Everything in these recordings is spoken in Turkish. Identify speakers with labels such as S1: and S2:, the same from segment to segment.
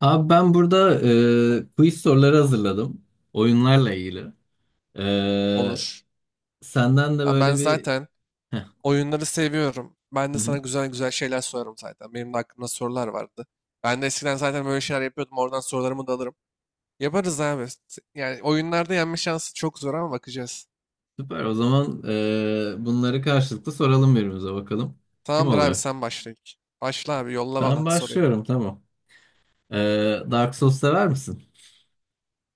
S1: Abi ben burada quiz soruları hazırladım. Oyunlarla ilgili. E,
S2: Olur.
S1: Senden de
S2: Ha, ben
S1: böyle bir...
S2: zaten
S1: Heh,
S2: oyunları seviyorum. Ben
S1: hı
S2: de
S1: hı.
S2: sana güzel güzel şeyler sorarım zaten. Benim de aklımda sorular vardı. Ben de eskiden zaten böyle şeyler yapıyordum. Oradan sorularımı da alırım. Yaparız abi. Yani oyunlarda yenme şansı çok zor ama bakacağız.
S1: Süper. O zaman bunları karşılıklı soralım birbirimize bakalım. Kim
S2: Tamamdır abi,
S1: oluyor?
S2: sen başla ilk. Başla abi, yolla
S1: Ben
S2: bana soruyu.
S1: başlıyorum, tamam. E, Dark Souls sever misin?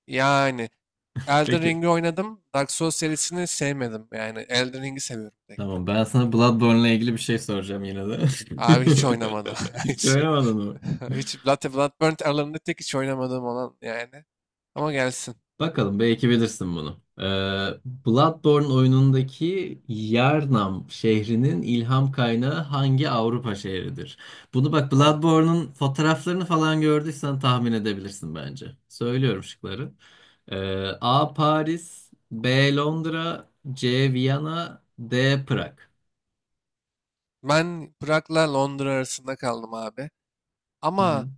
S2: Yani Elden
S1: Peki.
S2: Ring'i oynadım. Dark Souls serisini sevmedim. Yani Elden Ring'i seviyorum tek.
S1: Tamam, ben sana Bloodborne'la ilgili bir şey soracağım yine de.
S2: Abi hiç oynamadım.
S1: Hiç
S2: Hiç.
S1: oynamadın mı?
S2: Bloodborne aralarında tek hiç oynamadığım olan yani. Ama gelsin.
S1: Bakalım, belki bilirsin bunu. Bloodborne oyunundaki Yharnam şehrinin ilham kaynağı hangi Avrupa şehridir? Bunu bak,
S2: Tamam.
S1: Bloodborne'un fotoğraflarını falan gördüysen tahmin edebilirsin bence. Söylüyorum şıkları. Ee, A. Paris, B. Londra, C. Viyana, D. Prag.
S2: Ben Prag'la Londra arasında kaldım abi.
S1: Hı
S2: Ama
S1: hı.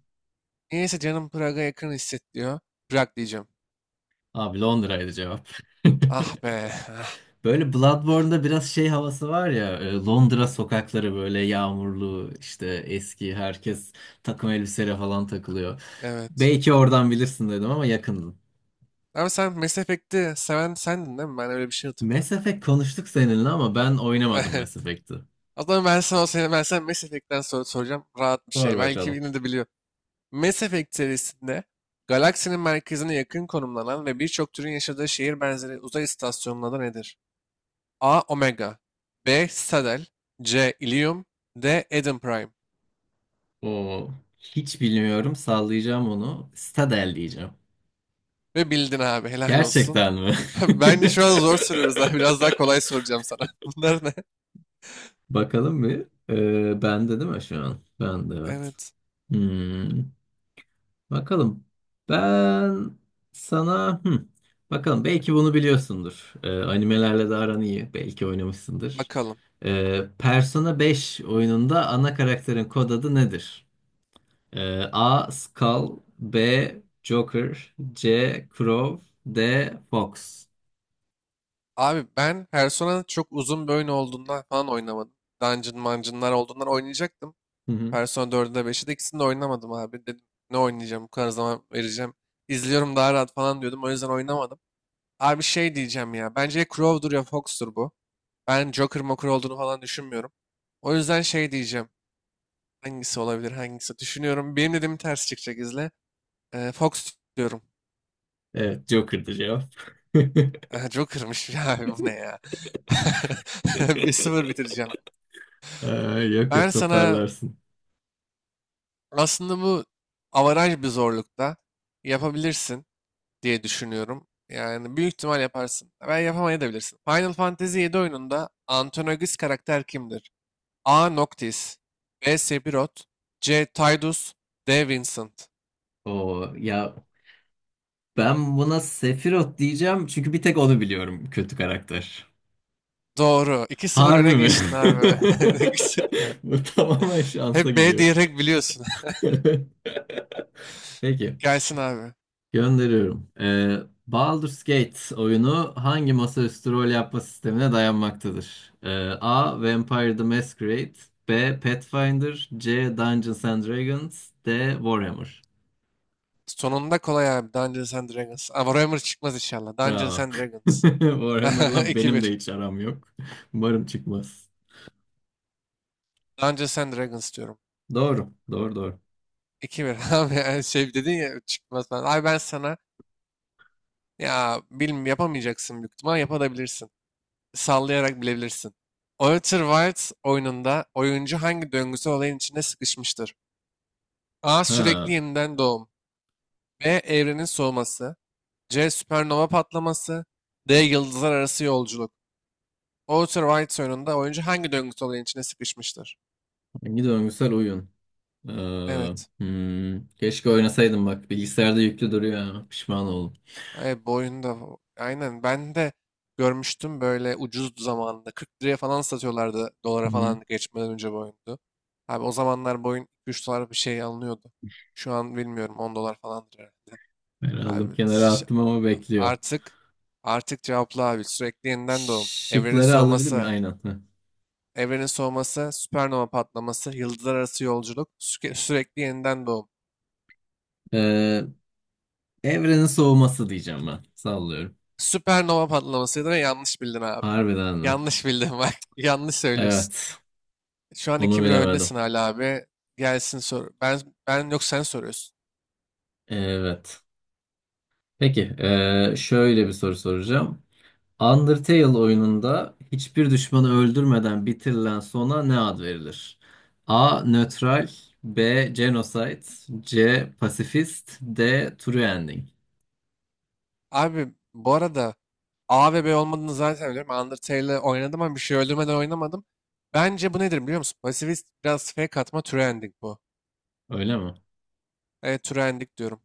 S2: niyeyse canım Prag'a yakın hissediyor. Prag diyeceğim.
S1: Abi Londra'ydı cevap.
S2: Ah be. Ah,
S1: Böyle Bloodborne'da biraz şey havası var ya, Londra sokakları böyle yağmurlu, işte eski, herkes takım elbiseyle falan takılıyor.
S2: evet.
S1: Belki oradan bilirsin dedim ama yakındın.
S2: Abi sen Mass Effect'i seven sendin değil mi? Ben öyle bir şey
S1: Mass
S2: hatırlıyorum.
S1: Effect konuştuk seninle ama ben oynamadım
S2: Evet.
S1: Mass Effect'i.
S2: O zaman ben sana Mass Effect'ten soracağım. Rahat bir
S1: Sor
S2: şey. Belki
S1: bakalım.
S2: yine de biliyor. Mass Effect serisinde galaksinin merkezine yakın konumlanan ve birçok türün yaşadığı şehir benzeri uzay istasyonunun adı nedir? A. Omega. B. Citadel. C. Ilium. D. Eden Prime.
S1: Oo, hiç bilmiyorum, sallayacağım onu. Citadel diyeceğim.
S2: Ve bildin abi, helal olsun.
S1: Gerçekten mi?
S2: Bence şu an zor soruyoruz abi. Biraz daha kolay soracağım sana. Bunlar ne?
S1: Bakalım bir. Bende değil mi şu an? Bende, evet.
S2: Evet.
S1: Hmm. Bakalım. Ben sana bakalım, belki bunu biliyorsundur. Animelerle de aran iyi. Belki oynamışsındır.
S2: Bakalım.
S1: Persona 5 oyununda ana karakterin kod adı nedir? A. Skull, B. Joker, C. Crow, D. Fox.
S2: Abi ben Persona çok uzun bir oyun olduğundan falan oynamadım. Dungeon mancınlar olduğundan oynayacaktım.
S1: Hı hı.
S2: Persona 4'ü de 5'i de ikisini de oynamadım abi. Dedim ne oynayacağım bu kadar zaman vereceğim. İzliyorum daha rahat falan diyordum. O yüzden oynamadım. Abi şey diyeceğim ya. Bence ya Crow'dur ya Fox'tur bu. Ben Joker Moker olduğunu falan düşünmüyorum. O yüzden şey diyeceğim. Hangisi olabilir hangisi? Düşünüyorum. Benim dediğim ters çıkacak izle. Fox diyorum.
S1: Evet, Joker'dı cevap.
S2: Joker'mış. Ya abi bu ne ya? Bir sıfır bitireceğim.
S1: Ee, yok
S2: Ben
S1: yok,
S2: sana
S1: toparlarsın.
S2: aslında bu avaraj bir zorlukta yapabilirsin diye düşünüyorum. Yani büyük ihtimal yaparsın. Ben yapamayabilirsin. Final Fantasy 7 oyununda antagonist karakter kimdir? A. Noctis. B. Sephiroth. C. Tidus. D. Vincent.
S1: O ya, ben buna Sephiroth diyeceğim çünkü bir tek onu biliyorum kötü karakter.
S2: Doğru. 2 sıfır öne
S1: Harbi mi?
S2: geçtin abi.
S1: Bu tamamen şansa
S2: Hep B
S1: gidiyor.
S2: diyerek biliyorsun.
S1: Peki,
S2: Gelsin abi.
S1: gönderiyorum. Baldur's Gate oyunu hangi masaüstü rol yapma sistemine dayanmaktadır? A. Vampire the Masquerade, B. Pathfinder, C. Dungeons and Dragons, D. Warhammer.
S2: Sonunda kolay abi. Dungeons and Dragons. Ama Warhammer çıkmaz inşallah. Dungeons
S1: Bravo.
S2: and Dragons.
S1: Warhammer'la benim de
S2: 2-1.
S1: hiç aram yok. Umarım çıkmaz.
S2: Dungeons and Dragons diyorum.
S1: Doğru, doğru, doğru.
S2: 2 bir. Abi yani şey dedin ya çıkmaz falan. Abi ben sana ya bilmiyorum yapamayacaksın büyük ihtimal. Yapabilirsin. Sallayarak bilebilirsin. Outer Wilds oyununda oyuncu hangi döngüsel olayın içinde sıkışmıştır? A. Sürekli
S1: Ha,
S2: yeniden doğum. B. Evrenin soğuması. C. Süpernova patlaması. D. Yıldızlar arası yolculuk. Outer Wilds oyununda oyuncu hangi döngüsel olayın içine sıkışmıştır?
S1: hangi döngüsel oyun?
S2: Evet.
S1: Ee, keşke oynasaydım bak. Bilgisayarda yüklü duruyor ha. Pişman oldum.
S2: Evet boyunda. Bu. Aynen. Ben de görmüştüm böyle ucuz zamanında. 40 liraya falan satıyorlardı, dolara
S1: Hı-hı.
S2: falan geçmeden önce boyundu. Abi o zamanlar boyun 3 dolar bir şey alınıyordu. Şu an bilmiyorum, 10 dolar falandır herhalde.
S1: Ben
S2: Abi
S1: aldım kenara
S2: ş-
S1: attım ama bekliyor.
S2: artık artık cevapla abi. Sürekli yeniden doğum. Evrenin
S1: Şıkları alabilir mi?
S2: soğuması.
S1: Aynen. Hı.
S2: Evrenin soğuması, süpernova patlaması, yıldızlar arası yolculuk, sürekli yeniden doğum.
S1: Ee, evrenin soğuması diyeceğim ben. Sallıyorum.
S2: Süpernova patlamasıydı ve yanlış bildin abi.
S1: Harbiden mi?
S2: Yanlış bildin bak. Yanlış söylüyorsun.
S1: Evet.
S2: Şu an
S1: Bunu
S2: iki bir
S1: bilemedim.
S2: öndesin hala abi. Gelsin sor. Ben yok, sen soruyorsun.
S1: Evet. Peki. Şöyle bir soru soracağım. Undertale oyununda hiçbir düşmanı öldürmeden bitirilen sona ne ad verilir? A. Nötral, B. Genocide, C. Pasifist, D. True Ending.
S2: Abi bu arada A ve B olmadığını zaten biliyorum. Undertale'le oynadım ama bir şey öldürmeden oynamadım. Bence bu nedir biliyor musun? Pasifist biraz fake atma, true ending bu.
S1: Öyle mi?
S2: Evet, true ending diyorum.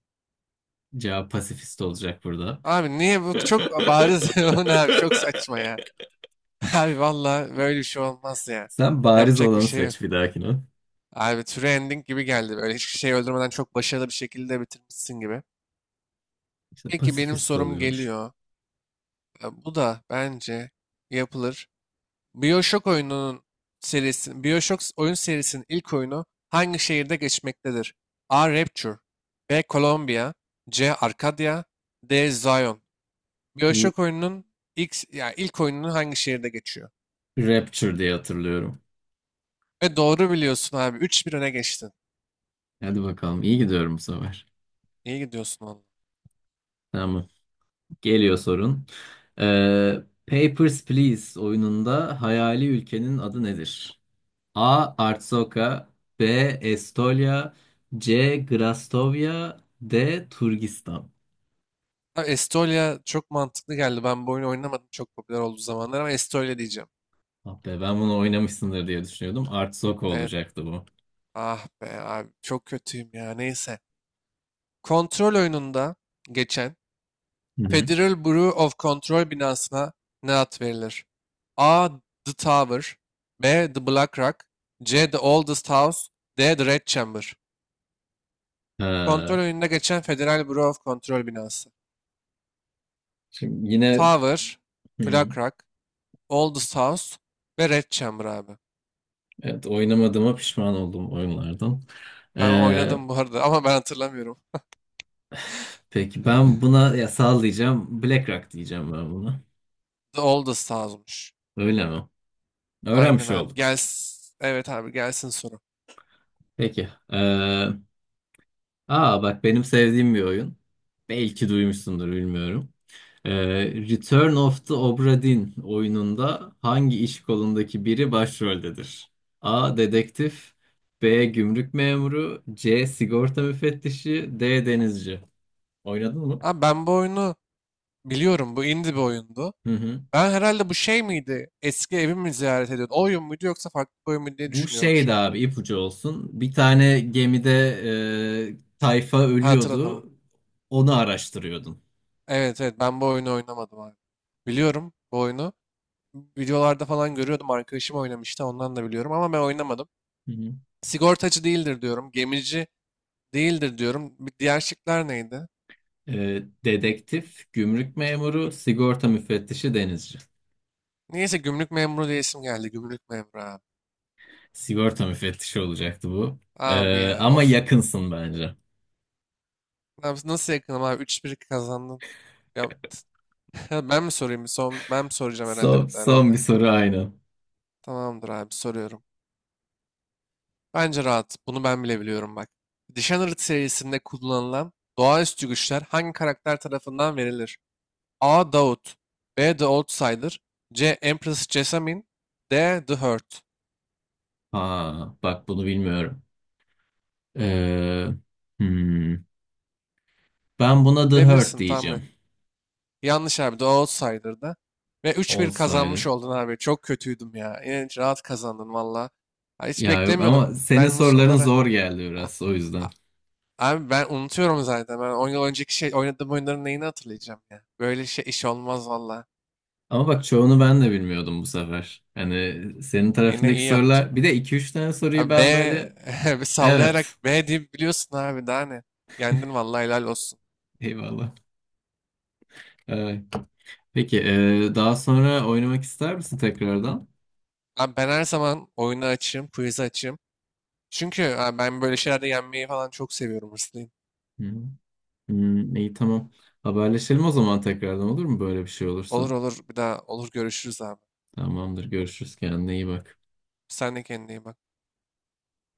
S1: Cevap pasifist olacak burada.
S2: Abi niye bu çok bariz bu ne abi çok saçma ya. Abi valla böyle bir şey olmaz ya.
S1: Sen bariz
S2: Yapacak bir
S1: olanı
S2: şey yok.
S1: seç bir dahakine.
S2: Abi True Ending gibi geldi. Böyle hiçbir şey öldürmeden çok başarılı bir şekilde bitirmişsin gibi.
S1: İşte
S2: Peki benim
S1: pasifist
S2: sorum
S1: oluyormuş.
S2: geliyor. Bu da bence yapılır. BioShock oyununun BioShock oyun serisinin ilk oyunu hangi şehirde geçmektedir? A. Rapture. B. Columbia. C. Arcadia. D. Zion.
S1: Bu
S2: BioShock oyununun ya ilk oyununun hangi şehirde geçiyor?
S1: Rapture diye hatırlıyorum.
S2: Ve doğru biliyorsun abi. Üç bir öne geçtin.
S1: Hadi bakalım, iyi gidiyorum bu sefer.
S2: İyi gidiyorsun valla.
S1: Tamam. Geliyor sorun. Papers, Please oyununda hayali ülkenin adı nedir? A. Artsoka, B. Estolia, C. Grastovya, D. Turgistan.
S2: Ha, Estolia çok mantıklı geldi. Ben bu oyunu oynamadım çok popüler olduğu zamanlar, ama Estolia diyeceğim.
S1: Ah be, ben bunu oynamışsındır diye düşünüyordum. Artsoka
S2: Evet.
S1: olacaktı bu.
S2: Ah be abi çok kötüyüm ya. Neyse. Kontrol oyununda geçen
S1: Hı hı.
S2: Federal Bureau of Control binasına ne ad verilir? A. The Tower. B. The Black Rock. C. The Oldest House. D. The Red Chamber. Kontrol
S1: Ee,
S2: oyununda geçen Federal Bureau of Control binası.
S1: şimdi yine,
S2: Tower,
S1: hı,
S2: Black Rock, Oldest House ve Red Chamber abi.
S1: evet, oynamadığıma pişman oldum oyunlardan.
S2: Ben
S1: Ee,
S2: oynadım bu arada ama ben hatırlamıyorum.
S1: peki ben buna ya sallayacağım. Black Rock diyeceğim ben buna.
S2: The Oldest House'muş.
S1: Öyle mi?
S2: Aynen
S1: Öğrenmiş
S2: abi.
S1: olduk.
S2: Gelsin. Evet abi, gelsin soru.
S1: Peki. Aa bak, benim sevdiğim bir oyun. Belki duymuşsundur, bilmiyorum. Ee, Return of the Obra Dinn oyununda hangi iş kolundaki biri başroldedir? A. Dedektif, B. Gümrük memuru, C. Sigorta müfettişi, D. Denizci. Oynadın mı?
S2: Abi ben bu oyunu biliyorum. Bu indie bir oyundu.
S1: Hı hı.
S2: Ben herhalde bu şey miydi? Eski evimi mi ziyaret ediyordu? O oyun muydu yoksa farklı bir oyun muydu diye
S1: Bu
S2: düşünüyorum
S1: şeydi
S2: şu an.
S1: abi, ipucu olsun. Bir tane gemide tayfa
S2: Ha, hatırladım.
S1: ölüyordu. Onu araştırıyordun.
S2: Evet evet, ben bu oyunu oynamadım abi. Biliyorum bu oyunu. Videolarda falan görüyordum. Arkadaşım oynamıştı, ondan da biliyorum ama ben oynamadım.
S1: Hı hı.
S2: Sigortacı değildir diyorum. Gemici değildir diyorum. Bir diğer şıklar neydi?
S1: E, dedektif, gümrük memuru, sigorta müfettişi, denizci.
S2: Neyse, gümrük memuru diye isim geldi. Gümrük memuru abi.
S1: Sigorta müfettişi olacaktı bu.
S2: Abi
S1: E,
S2: ya
S1: ama
S2: of.
S1: yakınsın bence.
S2: Abi nasıl yakınım abi? 3-1 kazandın. Ya, ben mi sorayım? Ben mi soracağım herhalde bir
S1: Son,
S2: de
S1: son
S2: herhalde.
S1: bir soru aynı.
S2: Tamamdır abi, soruyorum. Bence rahat. Bunu ben bile biliyorum bak. Dishonored serisinde kullanılan doğaüstü güçler hangi karakter tarafından verilir? A. Daud. B. The Outsider. C. Empress Jessamine. D. The Hurt.
S1: Ha, bak bunu bilmiyorum. E, hmm, ben buna The Hurt
S2: Bilebilirsin tahmin.
S1: diyeceğim.
S2: Yanlış abi. The Outsider'da. Ve 3-1
S1: Olsaydı.
S2: kazanmış oldun abi. Çok kötüydüm ya. Yine rahat kazandın valla. Ha, hiç
S1: Ya yok, ama
S2: beklemiyordum
S1: senin
S2: ben bu
S1: soruların
S2: soruları.
S1: zor geldi
S2: A-
S1: biraz, o
S2: a-
S1: yüzden.
S2: Abi ben unutuyorum zaten. Ben 10 yıl önceki şey oynadığım oyunların neyini hatırlayacağım ya. Böyle şey iş olmaz valla.
S1: Ama bak, çoğunu ben de bilmiyordum bu sefer. Hani senin
S2: Yine
S1: tarafındaki
S2: iyi yaptın.
S1: sorular, bir de iki üç tane soruyu
S2: Abi,
S1: ben böyle,
S2: bir sallayarak
S1: evet,
S2: B diye biliyorsun abi daha ne. Yendin valla, helal olsun.
S1: eyvallah. Evet. Peki, daha sonra oynamak ister misin tekrardan?
S2: Abi ben her zaman oyunu açayım, quiz'i açayım. Çünkü abi ben böyle şeylerde yenmeyi falan çok seviyorum, hırslıyım.
S1: Hı. Hmm, iyi, tamam. Haberleşelim o zaman tekrardan, olur mu böyle bir şey
S2: Olur
S1: olursa?
S2: olur, bir daha olur görüşürüz abi.
S1: Tamamdır, görüşürüz. Kendine iyi bak.
S2: Sen de kendine iyi bak.